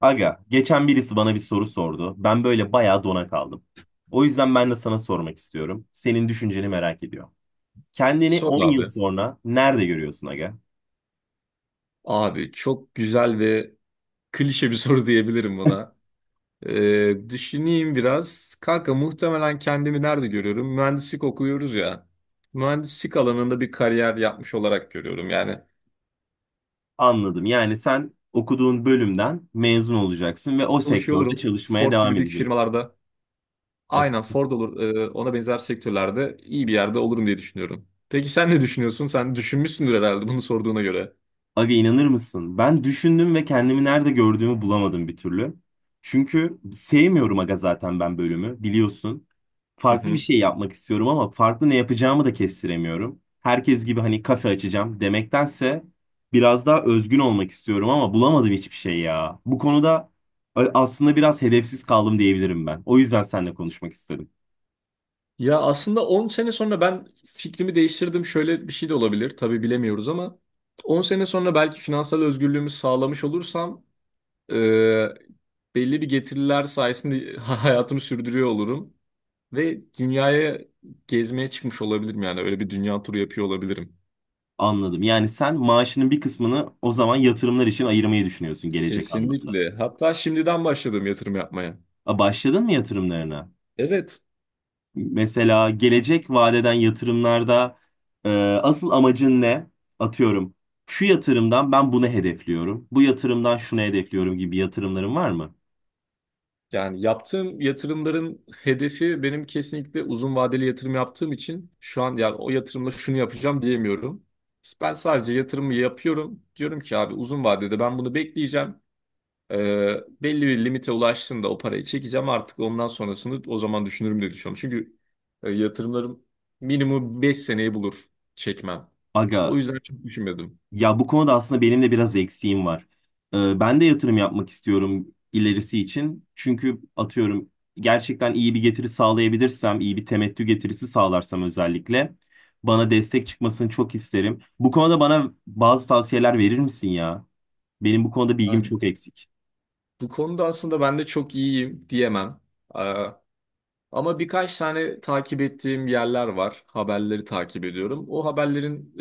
Aga, geçen birisi bana bir soru sordu. Ben böyle bayağı dona kaldım. O yüzden ben de sana sormak istiyorum. Senin düşünceni merak ediyorum. Kendini Sor 10 yıl abi. sonra nerede görüyorsun aga? Abi çok güzel ve klişe bir soru diyebilirim buna. Düşüneyim biraz. Kanka muhtemelen kendimi nerede görüyorum? Mühendislik okuyoruz ya. Mühendislik alanında bir kariyer yapmış olarak görüyorum. Yani Anladım. Yani sen okuduğun bölümden mezun olacaksın ve o çalışıyor sektörde olurum. çalışmaya Ford devam gibi büyük edeceksin. firmalarda. Evet. Aynen Ford olur. Ona benzer sektörlerde iyi bir yerde olurum diye düşünüyorum. Peki sen ne düşünüyorsun? Sen düşünmüşsündür herhalde bunu sorduğuna göre. Aga inanır mısın? Ben düşündüm ve kendimi nerede gördüğümü bulamadım bir türlü. Çünkü sevmiyorum aga zaten ben bölümü biliyorsun. Hı Farklı bir hı. şey yapmak istiyorum ama farklı ne yapacağımı da kestiremiyorum. Herkes gibi hani kafe açacağım demektense biraz daha özgün olmak istiyorum ama bulamadım hiçbir şey ya. Bu konuda aslında biraz hedefsiz kaldım diyebilirim ben. O yüzden seninle konuşmak istedim. Ya aslında 10 sene sonra ben fikrimi değiştirdim. Şöyle bir şey de olabilir. Tabii bilemiyoruz ama 10 sene sonra belki finansal özgürlüğümü sağlamış olursam e, belli bir getiriler sayesinde hayatımı sürdürüyor olurum. Ve dünyaya gezmeye çıkmış olabilirim yani. Öyle bir dünya turu yapıyor olabilirim. Anladım. Yani sen maaşının bir kısmını o zaman yatırımlar için ayırmayı düşünüyorsun gelecek anlamda. Kesinlikle. Hatta şimdiden başladım yatırım yapmaya. A, başladın mı yatırımlarına? Evet. Mesela gelecek vadeden yatırımlarda e, asıl amacın ne? Atıyorum. Şu yatırımdan ben bunu hedefliyorum. Bu yatırımdan şunu hedefliyorum gibi yatırımların var mı? Yani yaptığım yatırımların hedefi benim kesinlikle uzun vadeli yatırım yaptığım için şu an yani o yatırımla şunu yapacağım diyemiyorum. Ben sadece yatırımı yapıyorum. Diyorum ki abi uzun vadede ben bunu bekleyeceğim. Belli bir limite ulaştığında o parayı çekeceğim. Artık ondan sonrasını o zaman düşünürüm diye düşünüyorum. Çünkü yatırımlarım minimum 5 seneyi bulur çekmem. O Aga, yüzden çok düşünmedim. ya bu konuda aslında benim de biraz eksiğim var. Ben de yatırım yapmak istiyorum ilerisi için. Çünkü atıyorum, gerçekten iyi bir getiri sağlayabilirsem, iyi bir temettü getirisi sağlarsam özellikle bana destek çıkmasını çok isterim. Bu konuda bana bazı tavsiyeler verir misin ya? Benim bu konuda bilgim Yani çok eksik. bu konuda aslında ben de çok iyiyim diyemem. Ee, Ama birkaç tane takip ettiğim yerler var. Haberleri takip ediyorum. O haberlerin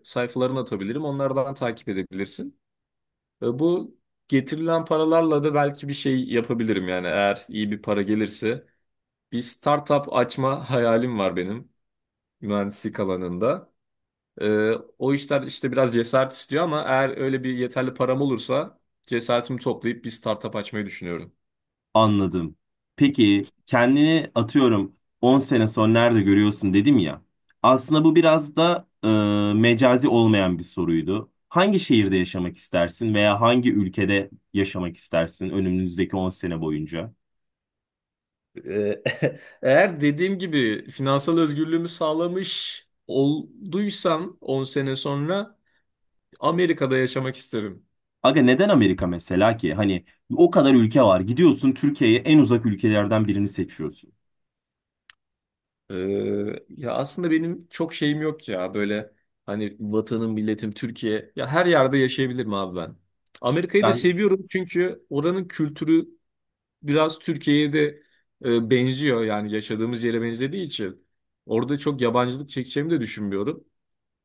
sayfalarını atabilirim. Onlardan takip edebilirsin. Bu getirilen paralarla da belki bir şey yapabilirim yani eğer iyi bir para gelirse. Bir startup açma hayalim var benim mühendislik alanında. E, O işler işte biraz cesaret istiyor ama eğer öyle bir yeterli param olursa cesaretimi toplayıp bir startup açmayı düşünüyorum. Anladım. Peki kendini atıyorum 10 sene sonra nerede görüyorsun dedim ya. Aslında bu biraz da mecazi olmayan bir soruydu. Hangi şehirde yaşamak istersin veya hangi ülkede yaşamak istersin önümüzdeki 10 sene boyunca? Ee, Eğer dediğim gibi finansal özgürlüğümü sağlamış olduysam 10 sene sonra Amerika'da yaşamak isterim. Aga, neden Amerika mesela ki? Hani o kadar ülke var. Gidiyorsun, Türkiye'ye en uzak ülkelerden birini seçiyorsun. Ee, Ya aslında benim çok şeyim yok ya böyle hani vatanım, milletim, Türkiye. Ya her yerde yaşayabilirim abi ben. Amerika'yı da Ben seviyorum çünkü oranın kültürü biraz Türkiye'ye de benziyor yani yaşadığımız yere benzediği için. Orada çok yabancılık çekeceğimi de düşünmüyorum.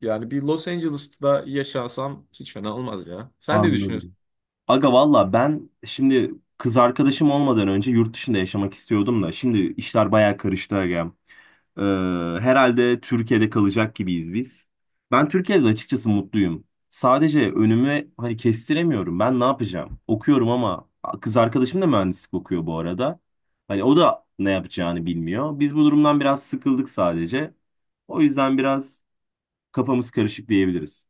Yani bir Los Angeles'ta yaşansam hiç fena olmaz ya. Sen ne düşünüyorsun? anladım. Aga, valla ben şimdi kız arkadaşım olmadan önce yurt dışında yaşamak istiyordum da şimdi işler bayağı karıştı aga. Ee, Herhalde Türkiye'de kalacak gibiyiz biz. Ben Türkiye'de açıkçası mutluyum. Sadece önümü hani kestiremiyorum. Ben ne yapacağım? Okuyorum ama kız arkadaşım da mühendislik okuyor bu arada. Hani o da ne yapacağını bilmiyor. Biz bu durumdan biraz sıkıldık sadece. O yüzden biraz kafamız karışık diyebiliriz.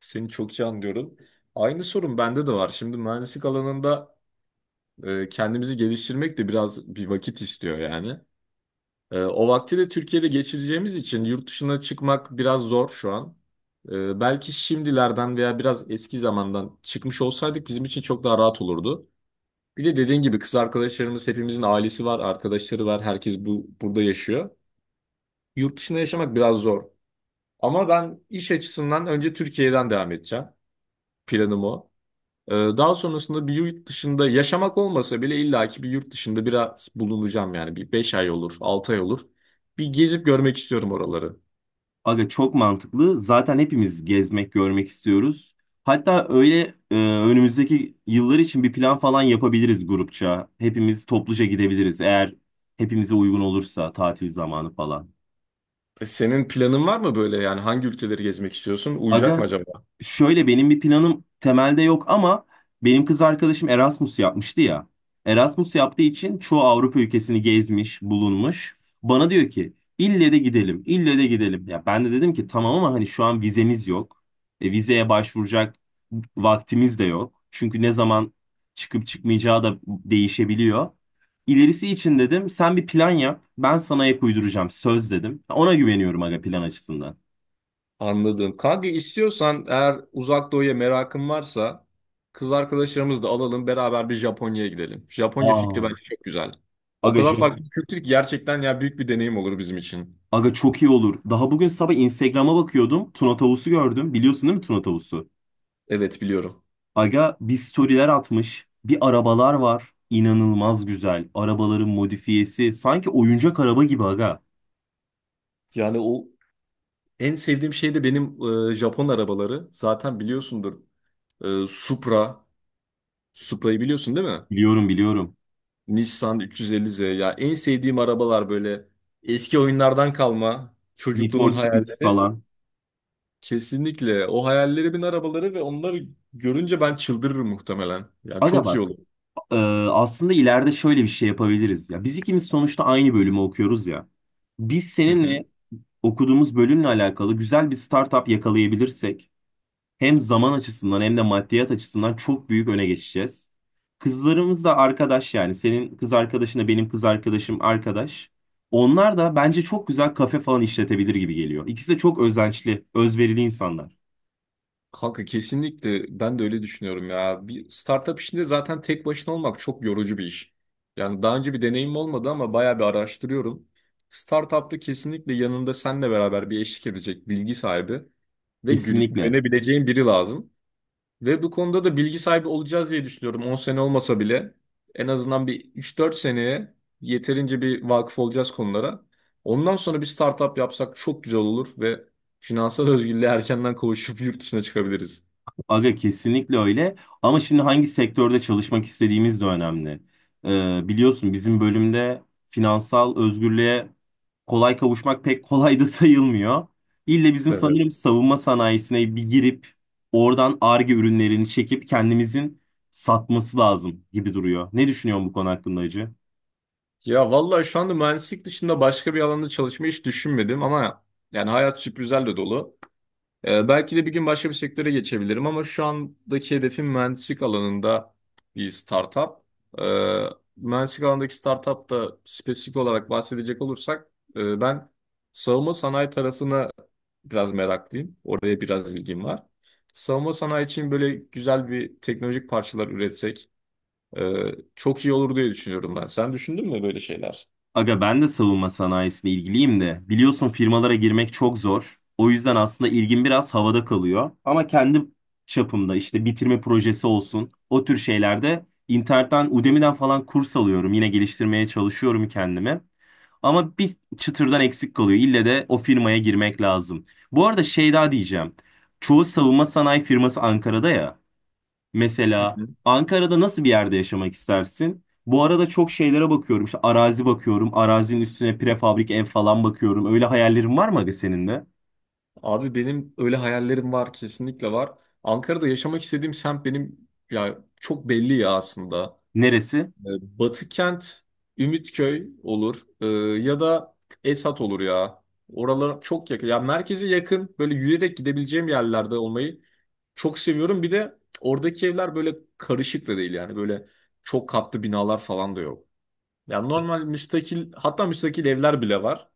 Seni çok iyi anlıyorum. Aynı sorun bende de var. Şimdi mühendislik alanında kendimizi geliştirmek de biraz bir vakit istiyor yani. O vakti de Türkiye'de geçireceğimiz için yurt dışına çıkmak biraz zor şu an. Belki şimdilerden veya biraz eski zamandan çıkmış olsaydık bizim için çok daha rahat olurdu. Bir de dediğin gibi kız arkadaşlarımız hepimizin ailesi var, arkadaşları var. Herkes bu burada yaşıyor. Yurt dışında yaşamak biraz zor. Ama ben iş açısından önce Türkiye'den devam edeceğim. Planım o. Daha sonrasında bir yurt dışında yaşamak olmasa bile illaki bir yurt dışında biraz bulunacağım yani. Bir 5 ay olur, 6 ay olur. Bir gezip görmek istiyorum oraları. Aga çok mantıklı. Zaten hepimiz gezmek, görmek istiyoruz. Hatta öyle önümüzdeki yıllar için bir plan falan yapabiliriz grupça. Hepimiz topluca gidebiliriz eğer hepimize uygun olursa tatil zamanı falan. Senin planın var mı böyle yani hangi ülkeleri gezmek istiyorsun? Uyacak mı Aga, acaba? şöyle benim bir planım temelde yok ama benim kız arkadaşım Erasmus yapmıştı ya. Erasmus yaptığı için çoğu Avrupa ülkesini gezmiş, bulunmuş. Bana diyor ki ille de gidelim, ille de gidelim. Ya ben de dedim ki tamam ama hani şu an vizemiz yok. E, vizeye başvuracak vaktimiz de yok. Çünkü ne zaman çıkıp çıkmayacağı da değişebiliyor. İlerisi için dedim sen bir plan yap, ben sana ek uyduracağım söz dedim. Ona güveniyorum aga plan açısından. Anladım. Kanka istiyorsan eğer uzak doğuya merakın varsa kız arkadaşlarımızı da alalım beraber bir Japonya'ya gidelim. Japonya fikri Aa, bence çok güzel. O aga. kadar farklı bir kültür ki gerçekten ya büyük bir deneyim olur bizim için. Aga çok iyi olur. Daha bugün sabah Instagram'a bakıyordum. Tuna tavusu gördüm. Biliyorsun değil mi Tuna tavusu? Evet biliyorum. Aga bir storyler atmış. Bir arabalar var. İnanılmaz güzel. Arabaların modifiyesi. Sanki oyuncak araba gibi aga. Yani o en sevdiğim şey de benim Japon arabaları. Zaten biliyorsundur. Supra. Supra'yı biliyorsun değil mi? Biliyorum, biliyorum. Nissan 350Z. Ya en sevdiğim arabalar böyle eski oyunlardan kalma Need for çocukluğumun Speed hayali. falan. Kesinlikle. O hayallerimin arabaları ve onları görünce ben çıldırırım muhtemelen. Yani Aga çok iyi bak. olur. e, Aslında ileride şöyle bir şey yapabiliriz ya. Biz ikimiz sonuçta aynı bölümü okuyoruz ya. Biz Hı hı. seninle okuduğumuz bölümle alakalı güzel bir startup yakalayabilirsek hem zaman açısından hem de maddiyat açısından çok büyük öne geçeceğiz. Kızlarımız da arkadaş yani. Senin kız arkadaşınla benim kız arkadaşım arkadaş. Onlar da bence çok güzel kafe falan işletebilir gibi geliyor. İkisi de çok özençli, özverili insanlar. Kanka kesinlikle ben de öyle düşünüyorum ya. Bir startup işinde zaten tek başına olmak çok yorucu bir iş. Yani daha önce bir deneyim olmadı ama bayağı bir araştırıyorum. Startup'ta kesinlikle yanında seninle beraber bir eşlik edecek bilgi sahibi ve Kesinlikle. güvenebileceğin biri lazım. Ve bu konuda da bilgi sahibi olacağız diye düşünüyorum. 10 sene olmasa bile en azından bir 3-4 seneye yeterince bir vakıf olacağız konulara. Ondan sonra bir startup yapsak çok güzel olur ve finansal özgürlüğe erkenden kavuşup yurt dışına çıkabiliriz. Aga kesinlikle öyle. Ama şimdi hangi sektörde çalışmak istediğimiz de önemli. Biliyorsun bizim bölümde finansal özgürlüğe kolay kavuşmak pek kolay da sayılmıyor. İlle bizim sanırım Evet. savunma sanayisine bir girip oradan Ar-Ge ürünlerini çekip kendimizin satması lazım gibi duruyor. Ne düşünüyorsun bu konu hakkında Hacı? Ya vallahi şu anda mühendislik dışında başka bir alanda çalışmayı hiç düşünmedim ama yani hayat sürprizlerle dolu. Belki de bir gün başka bir sektöre geçebilirim ama şu andaki hedefim mühendislik alanında bir startup. Ee, Mühendislik alanındaki startup da spesifik olarak bahsedecek olursak ben savunma sanayi tarafına biraz meraklıyım. Oraya biraz ilgim var. Savunma sanayi için böyle güzel bir teknolojik parçalar üretsek e, çok iyi olur diye düşünüyorum ben. Sen düşündün mü böyle şeyler? Aga ben de savunma sanayisine ilgiliyim de biliyorsun firmalara girmek çok zor. O yüzden aslında ilgim biraz havada kalıyor. Ama kendi çapımda işte bitirme projesi olsun o tür şeylerde internetten Udemy'den falan kurs alıyorum. Yine geliştirmeye çalışıyorum kendimi. Ama bir çıtırdan eksik kalıyor. İlle de o firmaya girmek lazım. Bu arada şey daha diyeceğim. Çoğu savunma sanayi firması Ankara'da ya. Mesela Ankara'da nasıl bir yerde yaşamak istersin? Bu arada çok şeylere bakıyorum. İşte arazi bakıyorum. Arazinin üstüne prefabrik ev falan bakıyorum. Öyle hayallerin var mı aga senin de? Abi benim öyle hayallerim var kesinlikle var. Ankara'da yaşamak istediğim semt benim ya çok belli ya aslında. Neresi? Ee, Batı kent, Ümitköy olur. Ya da Esat olur ya. Oralar çok yakın. Ya merkeze yakın böyle yürüyerek gidebileceğim yerlerde olmayı çok seviyorum. Bir de oradaki evler böyle karışık da değil yani böyle çok katlı binalar falan da yok. Yani normal müstakil hatta müstakil evler bile var.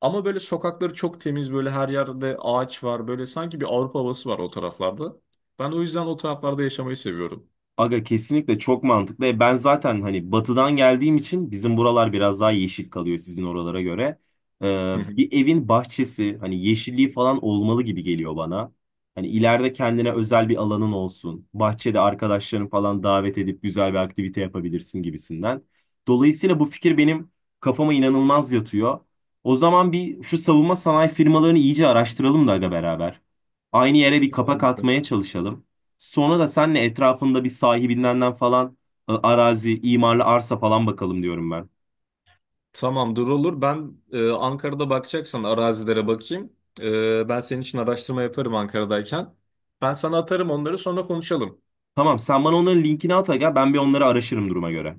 Ama böyle sokakları çok temiz böyle her yerde ağaç var. Böyle sanki bir Avrupa havası var o taraflarda. Ben o yüzden o taraflarda yaşamayı seviyorum. Aga kesinlikle çok mantıklı. E, ben zaten hani batıdan geldiğim için bizim buralar biraz daha yeşil kalıyor sizin oralara göre. Ee, Hı hı. Bir evin bahçesi hani yeşilliği falan olmalı gibi geliyor bana. Hani ileride kendine özel bir alanın olsun. Bahçede arkadaşlarını falan davet edip güzel bir aktivite yapabilirsin gibisinden. Dolayısıyla bu fikir benim kafama inanılmaz yatıyor. O zaman bir şu savunma sanayi firmalarını iyice araştıralım da aga beraber. Aynı yere bir Tamam kapak abi. atmaya çalışalım. Sonra da senle etrafında bir sahibinden falan arazi, imarlı arsa falan bakalım diyorum ben. Tamamdır olur. Ben Ankara'da bakacaksan arazilere bakayım. Ben senin için araştırma yaparım Ankara'dayken. Ben sana atarım onları sonra konuşalım. Tamam sen bana onların linkini at aga ben bir onları araşırım duruma göre.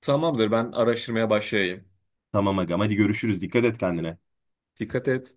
Tamamdır ben araştırmaya başlayayım. Tamam agam hadi görüşürüz, dikkat et kendine. Dikkat et.